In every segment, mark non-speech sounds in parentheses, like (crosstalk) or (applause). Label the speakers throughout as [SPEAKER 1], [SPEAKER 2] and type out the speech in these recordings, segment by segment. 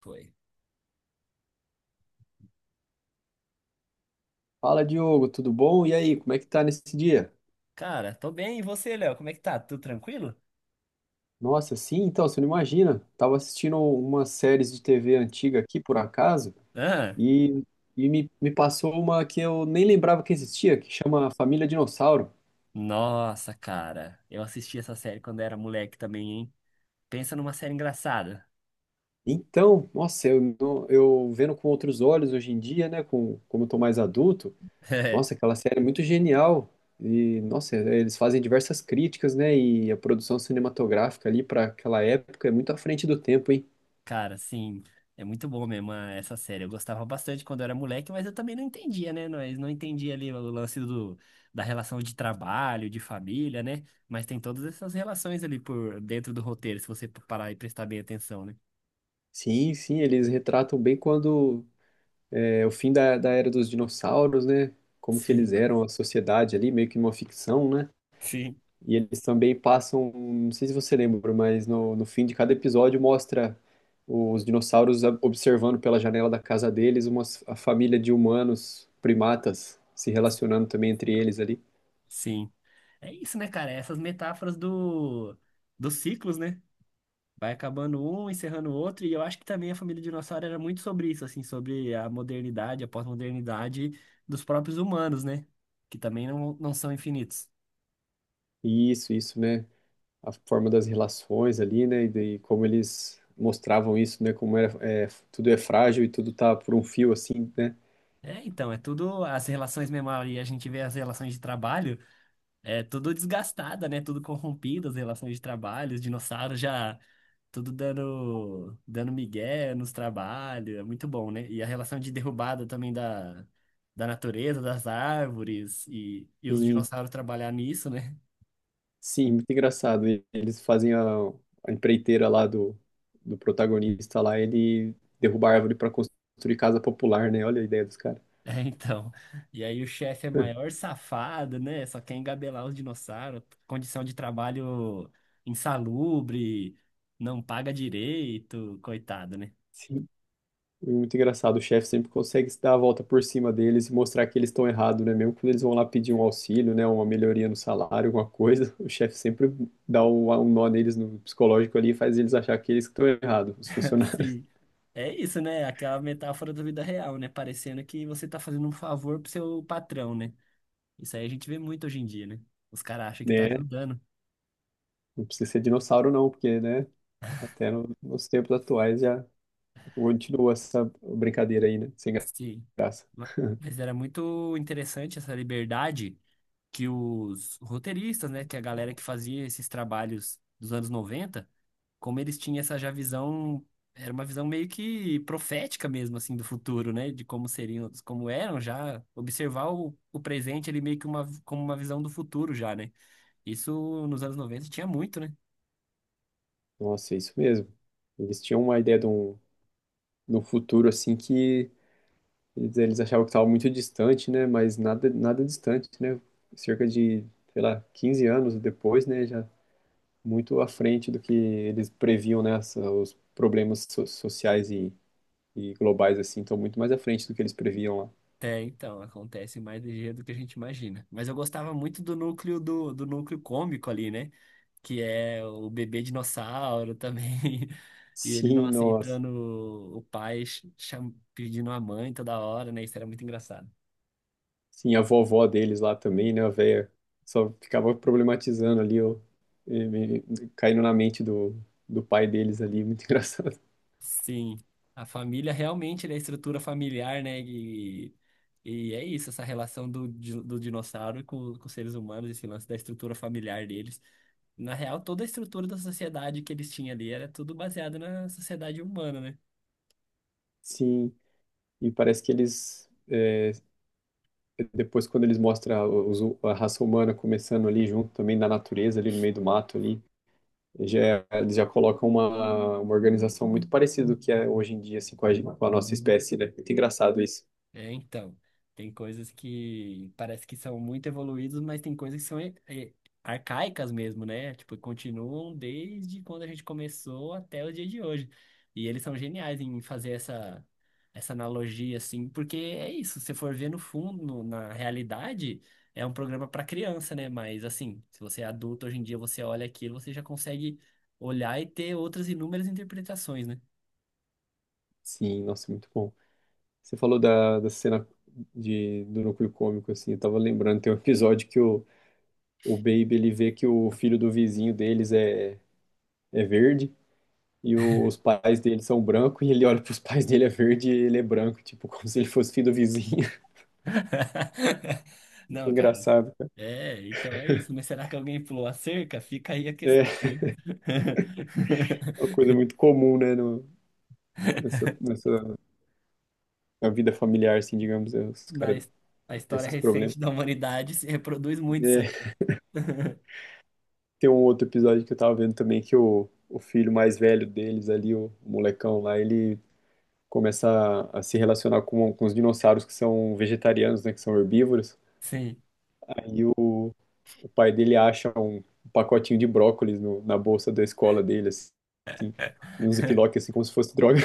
[SPEAKER 1] Foi.
[SPEAKER 2] Fala, Diogo, tudo bom? E aí, como é que tá nesse dia?
[SPEAKER 1] Cara, tô bem. E você, Léo? Como é que tá? Tudo tranquilo?
[SPEAKER 2] Nossa, sim, então, você não imagina. Tava assistindo umas séries de TV antiga aqui, por acaso,
[SPEAKER 1] Ah,
[SPEAKER 2] e, me passou uma que eu nem lembrava que existia, que chama Família Dinossauro.
[SPEAKER 1] nossa, cara. Eu assisti essa série quando era moleque também, hein? Pensa numa série engraçada.
[SPEAKER 2] Então, nossa, eu, não- eu vendo com outros olhos hoje em dia, né, como eu tô mais adulto, nossa,
[SPEAKER 1] (laughs)
[SPEAKER 2] aquela série é muito genial. E, nossa, eles fazem diversas críticas, né, e a produção cinematográfica ali para aquela época é muito à frente do tempo, hein?
[SPEAKER 1] Cara, sim. É muito bom mesmo essa série. Eu gostava bastante quando eu era moleque, mas eu também não entendia, né? Nós não entendia ali o lance da relação de trabalho, de família, né? Mas tem todas essas relações ali por dentro do roteiro, se você parar e prestar bem atenção, né?
[SPEAKER 2] Sim, sim, eles retratam bem quando é o fim da era dos dinossauros, né?
[SPEAKER 1] (laughs)
[SPEAKER 2] Como que eles
[SPEAKER 1] Sim,
[SPEAKER 2] eram a sociedade ali, meio que uma ficção, né?
[SPEAKER 1] sim,
[SPEAKER 2] E eles também passam, não sei se você lembra, mas no fim de cada episódio mostra os dinossauros observando pela janela da casa deles uma família de humanos, primatas, se relacionando também entre eles ali.
[SPEAKER 1] sim. É isso, né, cara? Essas metáforas dos ciclos, né? Vai acabando um, encerrando o outro, e eu acho que também a família dinossauro era muito sobre isso, assim, sobre a modernidade, a pós-modernidade dos próprios humanos, né? Que também não são infinitos.
[SPEAKER 2] Isso, né? A forma das relações ali, né? E daí como eles mostravam isso, né? Como era, é, tudo é frágil e tudo tá por um fio, assim, né?
[SPEAKER 1] É, então, é tudo as relações memória, e a gente vê as relações de trabalho. É tudo desgastada, né? Tudo corrompida, as relações de trabalho, os dinossauros já tudo dando migué nos trabalhos, é muito bom, né? E a relação de derrubada também da natureza, das árvores e os
[SPEAKER 2] E,
[SPEAKER 1] dinossauros trabalhar nisso, né? (laughs)
[SPEAKER 2] sim, muito engraçado. E eles fazem a empreiteira lá do, do protagonista lá, ele derruba a árvore para construir casa popular, né? Olha a ideia dos caras.
[SPEAKER 1] É, então. E aí o chefe é maior safado, né? Só quer engabelar os dinossauros, condição de trabalho insalubre, não paga direito, coitado, né?
[SPEAKER 2] Sim. E muito engraçado, o chefe sempre consegue se dar a volta por cima deles e mostrar que eles estão errados, né? Mesmo quando eles vão lá pedir um auxílio, né? Uma melhoria no salário, alguma coisa, (laughs) o chefe sempre dá um nó neles no psicológico ali e faz eles achar que eles que estão errados, os funcionários,
[SPEAKER 1] Assim, é isso, né? Aquela metáfora da vida real, né? Parecendo que você tá fazendo um favor pro seu patrão, né? Isso aí a gente vê muito hoje em dia, né? Os caras
[SPEAKER 2] (laughs)
[SPEAKER 1] acham que tá
[SPEAKER 2] né?
[SPEAKER 1] ajudando.
[SPEAKER 2] Não precisa ser dinossauro não, porque, né? Até nos tempos atuais já continua essa brincadeira aí, né? Sem
[SPEAKER 1] Sim.
[SPEAKER 2] graça.
[SPEAKER 1] Ma- Mas era muito interessante essa liberdade que os roteiristas, né, que a galera que fazia esses trabalhos dos anos 90, como eles tinham essa já visão, era uma visão meio que profética mesmo, assim, do futuro, né, de como seriam, como eram já, observar o presente ali meio que uma, como uma visão do futuro já, né. Isso nos anos 90 tinha muito, né.
[SPEAKER 2] Nossa, é isso mesmo. Eles tinham uma ideia de um futuro assim que eles, achavam que estava muito distante, né? Mas nada, nada distante, né? Cerca de, sei lá, 15 anos depois, né? Já muito à frente do que eles previam, né? Os problemas sociais e globais, assim, estão muito mais à frente do que eles previam lá.
[SPEAKER 1] É, então, acontece mais ligeiro do que a gente imagina. Mas eu gostava muito do núcleo do núcleo cômico ali, né? Que é o bebê dinossauro também, (laughs) e ele não
[SPEAKER 2] Sim, nossa.
[SPEAKER 1] aceitando o pai, pedindo a mãe toda hora, né? Isso era muito engraçado.
[SPEAKER 2] Sim, a vovó deles lá também, né? A véia só ficava problematizando ali, ó, e me- caindo na mente do, do pai deles ali. Muito (laughs) engraçado.
[SPEAKER 1] Sim, a família realmente, né, a estrutura familiar, né? E é isso, essa relação do dinossauro com os seres humanos, esse lance da estrutura familiar deles. Na real, toda a estrutura da sociedade que eles tinham ali era tudo baseado na sociedade humana, né?
[SPEAKER 2] Sim, e parece que eles depois quando eles mostram a raça humana começando ali junto também na natureza, ali no meio do mato ali, já, é, eles já colocam uma organização muito parecida do que é hoje em dia, assim, com a, com a nossa espécie, né? Muito engraçado isso.
[SPEAKER 1] É, então, tem coisas que parece que são muito evoluídas, mas tem coisas que são arcaicas mesmo, né? Tipo, continuam desde quando a gente começou até o dia de hoje. E eles são geniais em fazer essa analogia, assim, porque é isso, se você for ver no fundo, na realidade, é um programa para criança, né? Mas, assim, se você é adulto hoje em dia, você olha aquilo, você já consegue olhar e ter outras inúmeras interpretações, né?
[SPEAKER 2] Sim, nossa, muito bom. Você falou da, da cena de, do núcleo cômico, assim, eu tava lembrando, tem um episódio que o Baby, ele vê que o filho do vizinho deles é, é verde, e os pais dele são brancos, e ele olha pros pais dele é verde e ele é branco, tipo, (laughs) como se ele fosse filho do vizinho.
[SPEAKER 1] (laughs)
[SPEAKER 2] (laughs)
[SPEAKER 1] Não, cara.
[SPEAKER 2] Engraçado.
[SPEAKER 1] É, então é isso. Mas será que alguém pulou a cerca? Fica aí a
[SPEAKER 2] É
[SPEAKER 1] questão, né?
[SPEAKER 2] uma
[SPEAKER 1] (laughs)
[SPEAKER 2] coisa muito comum, né, no, nessa, nessa na vida familiar, assim, digamos, é, os
[SPEAKER 1] Na,
[SPEAKER 2] caras
[SPEAKER 1] his- Na
[SPEAKER 2] têm
[SPEAKER 1] história
[SPEAKER 2] esses problemas.
[SPEAKER 1] recente da humanidade se reproduz muito isso aí,
[SPEAKER 2] É,
[SPEAKER 1] né?
[SPEAKER 2] tem um outro episódio que eu tava vendo também que o filho mais velho deles ali, o molecão lá, ele começa a se relacionar com os dinossauros que são vegetarianos, né, que são herbívoros.
[SPEAKER 1] Sim.
[SPEAKER 2] E o pai dele acha um, um pacotinho de brócolis na bolsa da escola dele, assim, num ziploc, assim, como se fosse droga.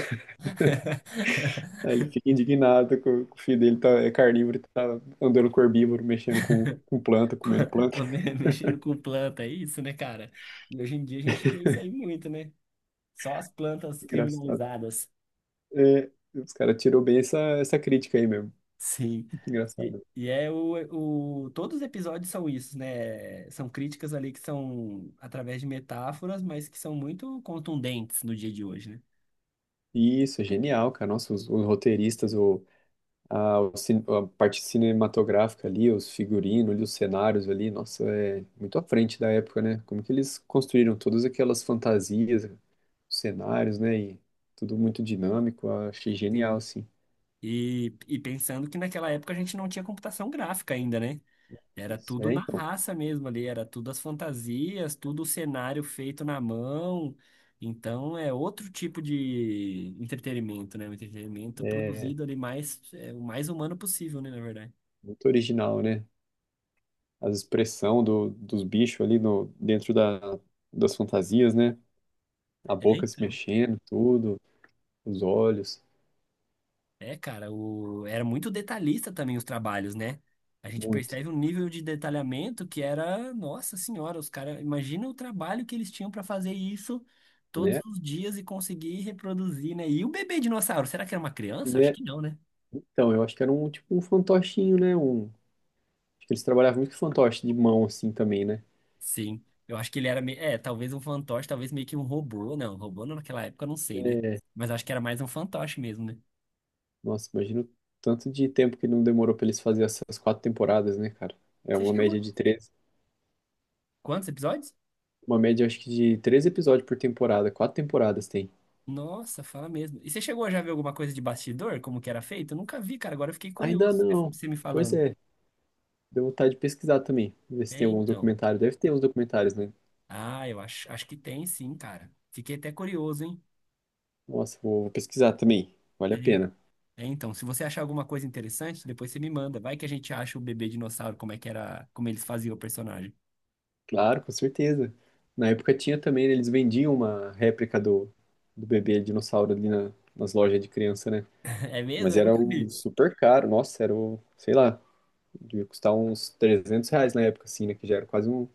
[SPEAKER 2] Aí
[SPEAKER 1] (laughs)
[SPEAKER 2] ele fica indignado que o filho dele tá, é carnívoro, e tá andando com herbívoro, mexendo com planta, comendo planta. (laughs)
[SPEAKER 1] Mexendo com planta, é isso, né, cara? E hoje em dia a gente vê isso aí muito, né? Só as plantas
[SPEAKER 2] Engraçado.
[SPEAKER 1] criminalizadas.
[SPEAKER 2] É, os caras tirou bem essa, essa crítica aí mesmo.
[SPEAKER 1] Sim.
[SPEAKER 2] Muito engraçado.
[SPEAKER 1] E é o. Todos os episódios são isso, né? São críticas ali que são através de metáforas, mas que são muito contundentes no dia de hoje, né?
[SPEAKER 2] Isso, é genial, cara. Nossa, os roteiristas, o, a, a parte cinematográfica ali, os figurinos ali, os cenários ali, nossa, é muito à frente da época, né? Como que eles construíram todas aquelas fantasias, cenários, né? E tudo muito dinâmico. Eu achei genial,
[SPEAKER 1] Sim.
[SPEAKER 2] assim.
[SPEAKER 1] E pensando que naquela época a gente não tinha computação gráfica ainda, né? Era
[SPEAKER 2] Isso,
[SPEAKER 1] tudo
[SPEAKER 2] é,
[SPEAKER 1] na
[SPEAKER 2] então.
[SPEAKER 1] raça mesmo ali, era tudo as fantasias, tudo o cenário feito na mão. Então é outro tipo de entretenimento, né? Um entretenimento
[SPEAKER 2] É,
[SPEAKER 1] produzido ali mais, é, o mais humano possível, né? Na verdade.
[SPEAKER 2] muito original, né? As expressão do, dos bichos ali no, dentro da, das fantasias, né? A
[SPEAKER 1] É,
[SPEAKER 2] boca se
[SPEAKER 1] então.
[SPEAKER 2] mexendo, tudo, os olhos,
[SPEAKER 1] É, cara, o... era muito detalhista também os trabalhos, né? A gente
[SPEAKER 2] muito,
[SPEAKER 1] percebe um nível de detalhamento que era, nossa senhora, os caras, imagina o trabalho que eles tinham para fazer isso
[SPEAKER 2] né?
[SPEAKER 1] todos os dias e conseguir reproduzir, né? E o bebê dinossauro, será que era uma criança? Acho
[SPEAKER 2] Né?
[SPEAKER 1] que não, né?
[SPEAKER 2] Então, eu acho que era um tipo um fantochinho, né? Um, acho que eles trabalhavam muito com fantoche de mão assim também, né?
[SPEAKER 1] Sim, eu acho que ele era, é, talvez um fantoche, talvez meio que um robô não, naquela época, eu não sei, né?
[SPEAKER 2] É,
[SPEAKER 1] Mas acho que era mais um fantoche mesmo, né?
[SPEAKER 2] nossa, imagino o tanto de tempo que não demorou pra eles fazerem essas 4 temporadas, né, cara? É
[SPEAKER 1] Você
[SPEAKER 2] uma média
[SPEAKER 1] chegou,
[SPEAKER 2] de três,
[SPEAKER 1] quantos episódios?
[SPEAKER 2] uma média acho que de 3 episódios por temporada, 4 temporadas tem.
[SPEAKER 1] Nossa, fala mesmo. E você chegou a já ver alguma coisa de bastidor, como que era feito? Eu nunca vi, cara. Agora eu fiquei
[SPEAKER 2] Ainda
[SPEAKER 1] curioso você
[SPEAKER 2] não.
[SPEAKER 1] você me
[SPEAKER 2] Pois
[SPEAKER 1] falando.
[SPEAKER 2] é. Deu vontade de pesquisar também. Ver se
[SPEAKER 1] É,
[SPEAKER 2] tem alguns
[SPEAKER 1] então.
[SPEAKER 2] documentários. Deve ter uns documentários, né?
[SPEAKER 1] Ah, acho que tem sim, cara. Fiquei até curioso, hein?
[SPEAKER 2] Nossa, vou, vou pesquisar também. Vale a
[SPEAKER 1] Tem.
[SPEAKER 2] pena.
[SPEAKER 1] É, então, se você achar alguma coisa interessante, depois você me manda. Vai que a gente acha o bebê dinossauro, como é que era, como eles faziam o personagem.
[SPEAKER 2] Claro, com certeza. Na época tinha também, né, eles vendiam uma réplica do, do bebê dinossauro ali nas lojas de criança, né?
[SPEAKER 1] (laughs) É mesmo?
[SPEAKER 2] Mas
[SPEAKER 1] Eu
[SPEAKER 2] era
[SPEAKER 1] nunca
[SPEAKER 2] o
[SPEAKER 1] vi.
[SPEAKER 2] super caro. Nossa, era o, sei lá, devia custar uns R$ 300 na época, assim, né? Que já era quase um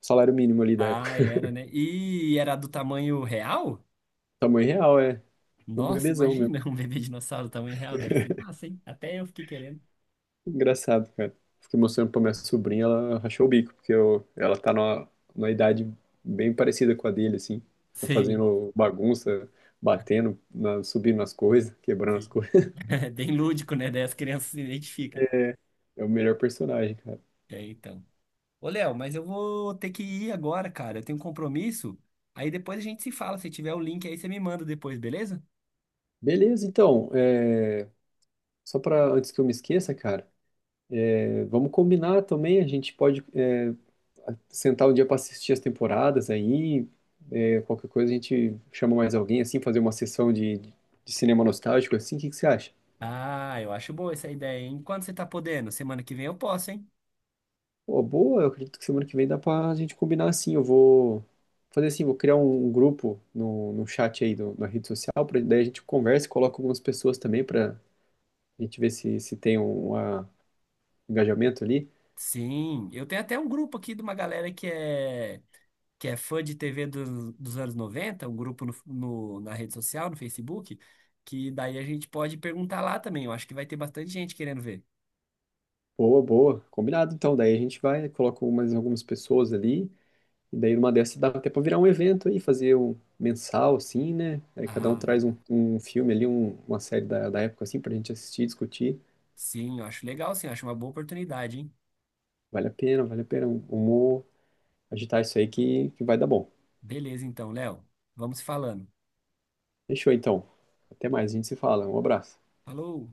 [SPEAKER 2] salário mínimo ali da época.
[SPEAKER 1] Ah, era, né? E era do tamanho real?
[SPEAKER 2] (laughs) Tamanho real, é. Um
[SPEAKER 1] Nossa,
[SPEAKER 2] bebezão mesmo.
[SPEAKER 1] imagina (laughs) um bebê dinossauro do tamanho real, deve ser massa, hein? Até eu fiquei querendo.
[SPEAKER 2] Engraçado, cara. Fiquei mostrando pra minha sobrinha, ela rachou o bico, porque eu, ela tá numa, numa idade bem parecida com a dele, assim. Fica
[SPEAKER 1] Sim.
[SPEAKER 2] fazendo bagunça, batendo, subindo nas coisas, (laughs) quebrando as
[SPEAKER 1] sim.
[SPEAKER 2] coisas. (laughs)
[SPEAKER 1] (laughs) É bem lúdico, né? Daí as crianças se identificam.
[SPEAKER 2] É o melhor personagem, cara.
[SPEAKER 1] É, então. Ô, Léo, mas eu vou ter que ir agora, cara. Eu tenho um compromisso. Aí depois a gente se fala. Se tiver o link aí, você me manda depois, beleza?
[SPEAKER 2] Beleza, então, é, só pra antes que eu me esqueça, cara, é, vamos combinar também, a gente pode é, sentar um dia pra assistir as temporadas aí, é, qualquer coisa a gente chama mais alguém, assim, fazer uma sessão de cinema nostálgico, assim, o que que você acha?
[SPEAKER 1] Ah, eu acho boa essa ideia, hein? Quando você tá podendo? Semana que vem eu posso, hein?
[SPEAKER 2] Pô, boa, eu acredito que semana que vem dá pra gente combinar assim. Eu vou fazer assim, vou criar um, um grupo no, no chat aí do, na rede social, pra, daí a gente conversa, coloca algumas pessoas também pra gente ver se, se tem um, ah, engajamento ali.
[SPEAKER 1] Sim, eu tenho até um grupo aqui de uma galera que é fã de TV dos anos noventa, um grupo na rede social, no Facebook, que daí a gente pode perguntar lá também. Eu acho que vai ter bastante gente querendo ver.
[SPEAKER 2] Boa, boa, combinado. Então, daí a gente vai, coloca mais algumas pessoas ali, e daí numa dessas dá até pra virar um evento aí, fazer um mensal, assim, né? Aí cada um
[SPEAKER 1] Ah.
[SPEAKER 2] traz um, um filme ali, uma série da, da época, assim, pra gente assistir, discutir.
[SPEAKER 1] Sim, eu acho uma boa oportunidade, hein?
[SPEAKER 2] Vale a pena, vale a pena. Vamos agitar isso aí que vai dar bom.
[SPEAKER 1] Beleza, então, Léo. Vamos falando.
[SPEAKER 2] Fechou então. Até mais, a gente se fala. Um abraço.
[SPEAKER 1] Falou!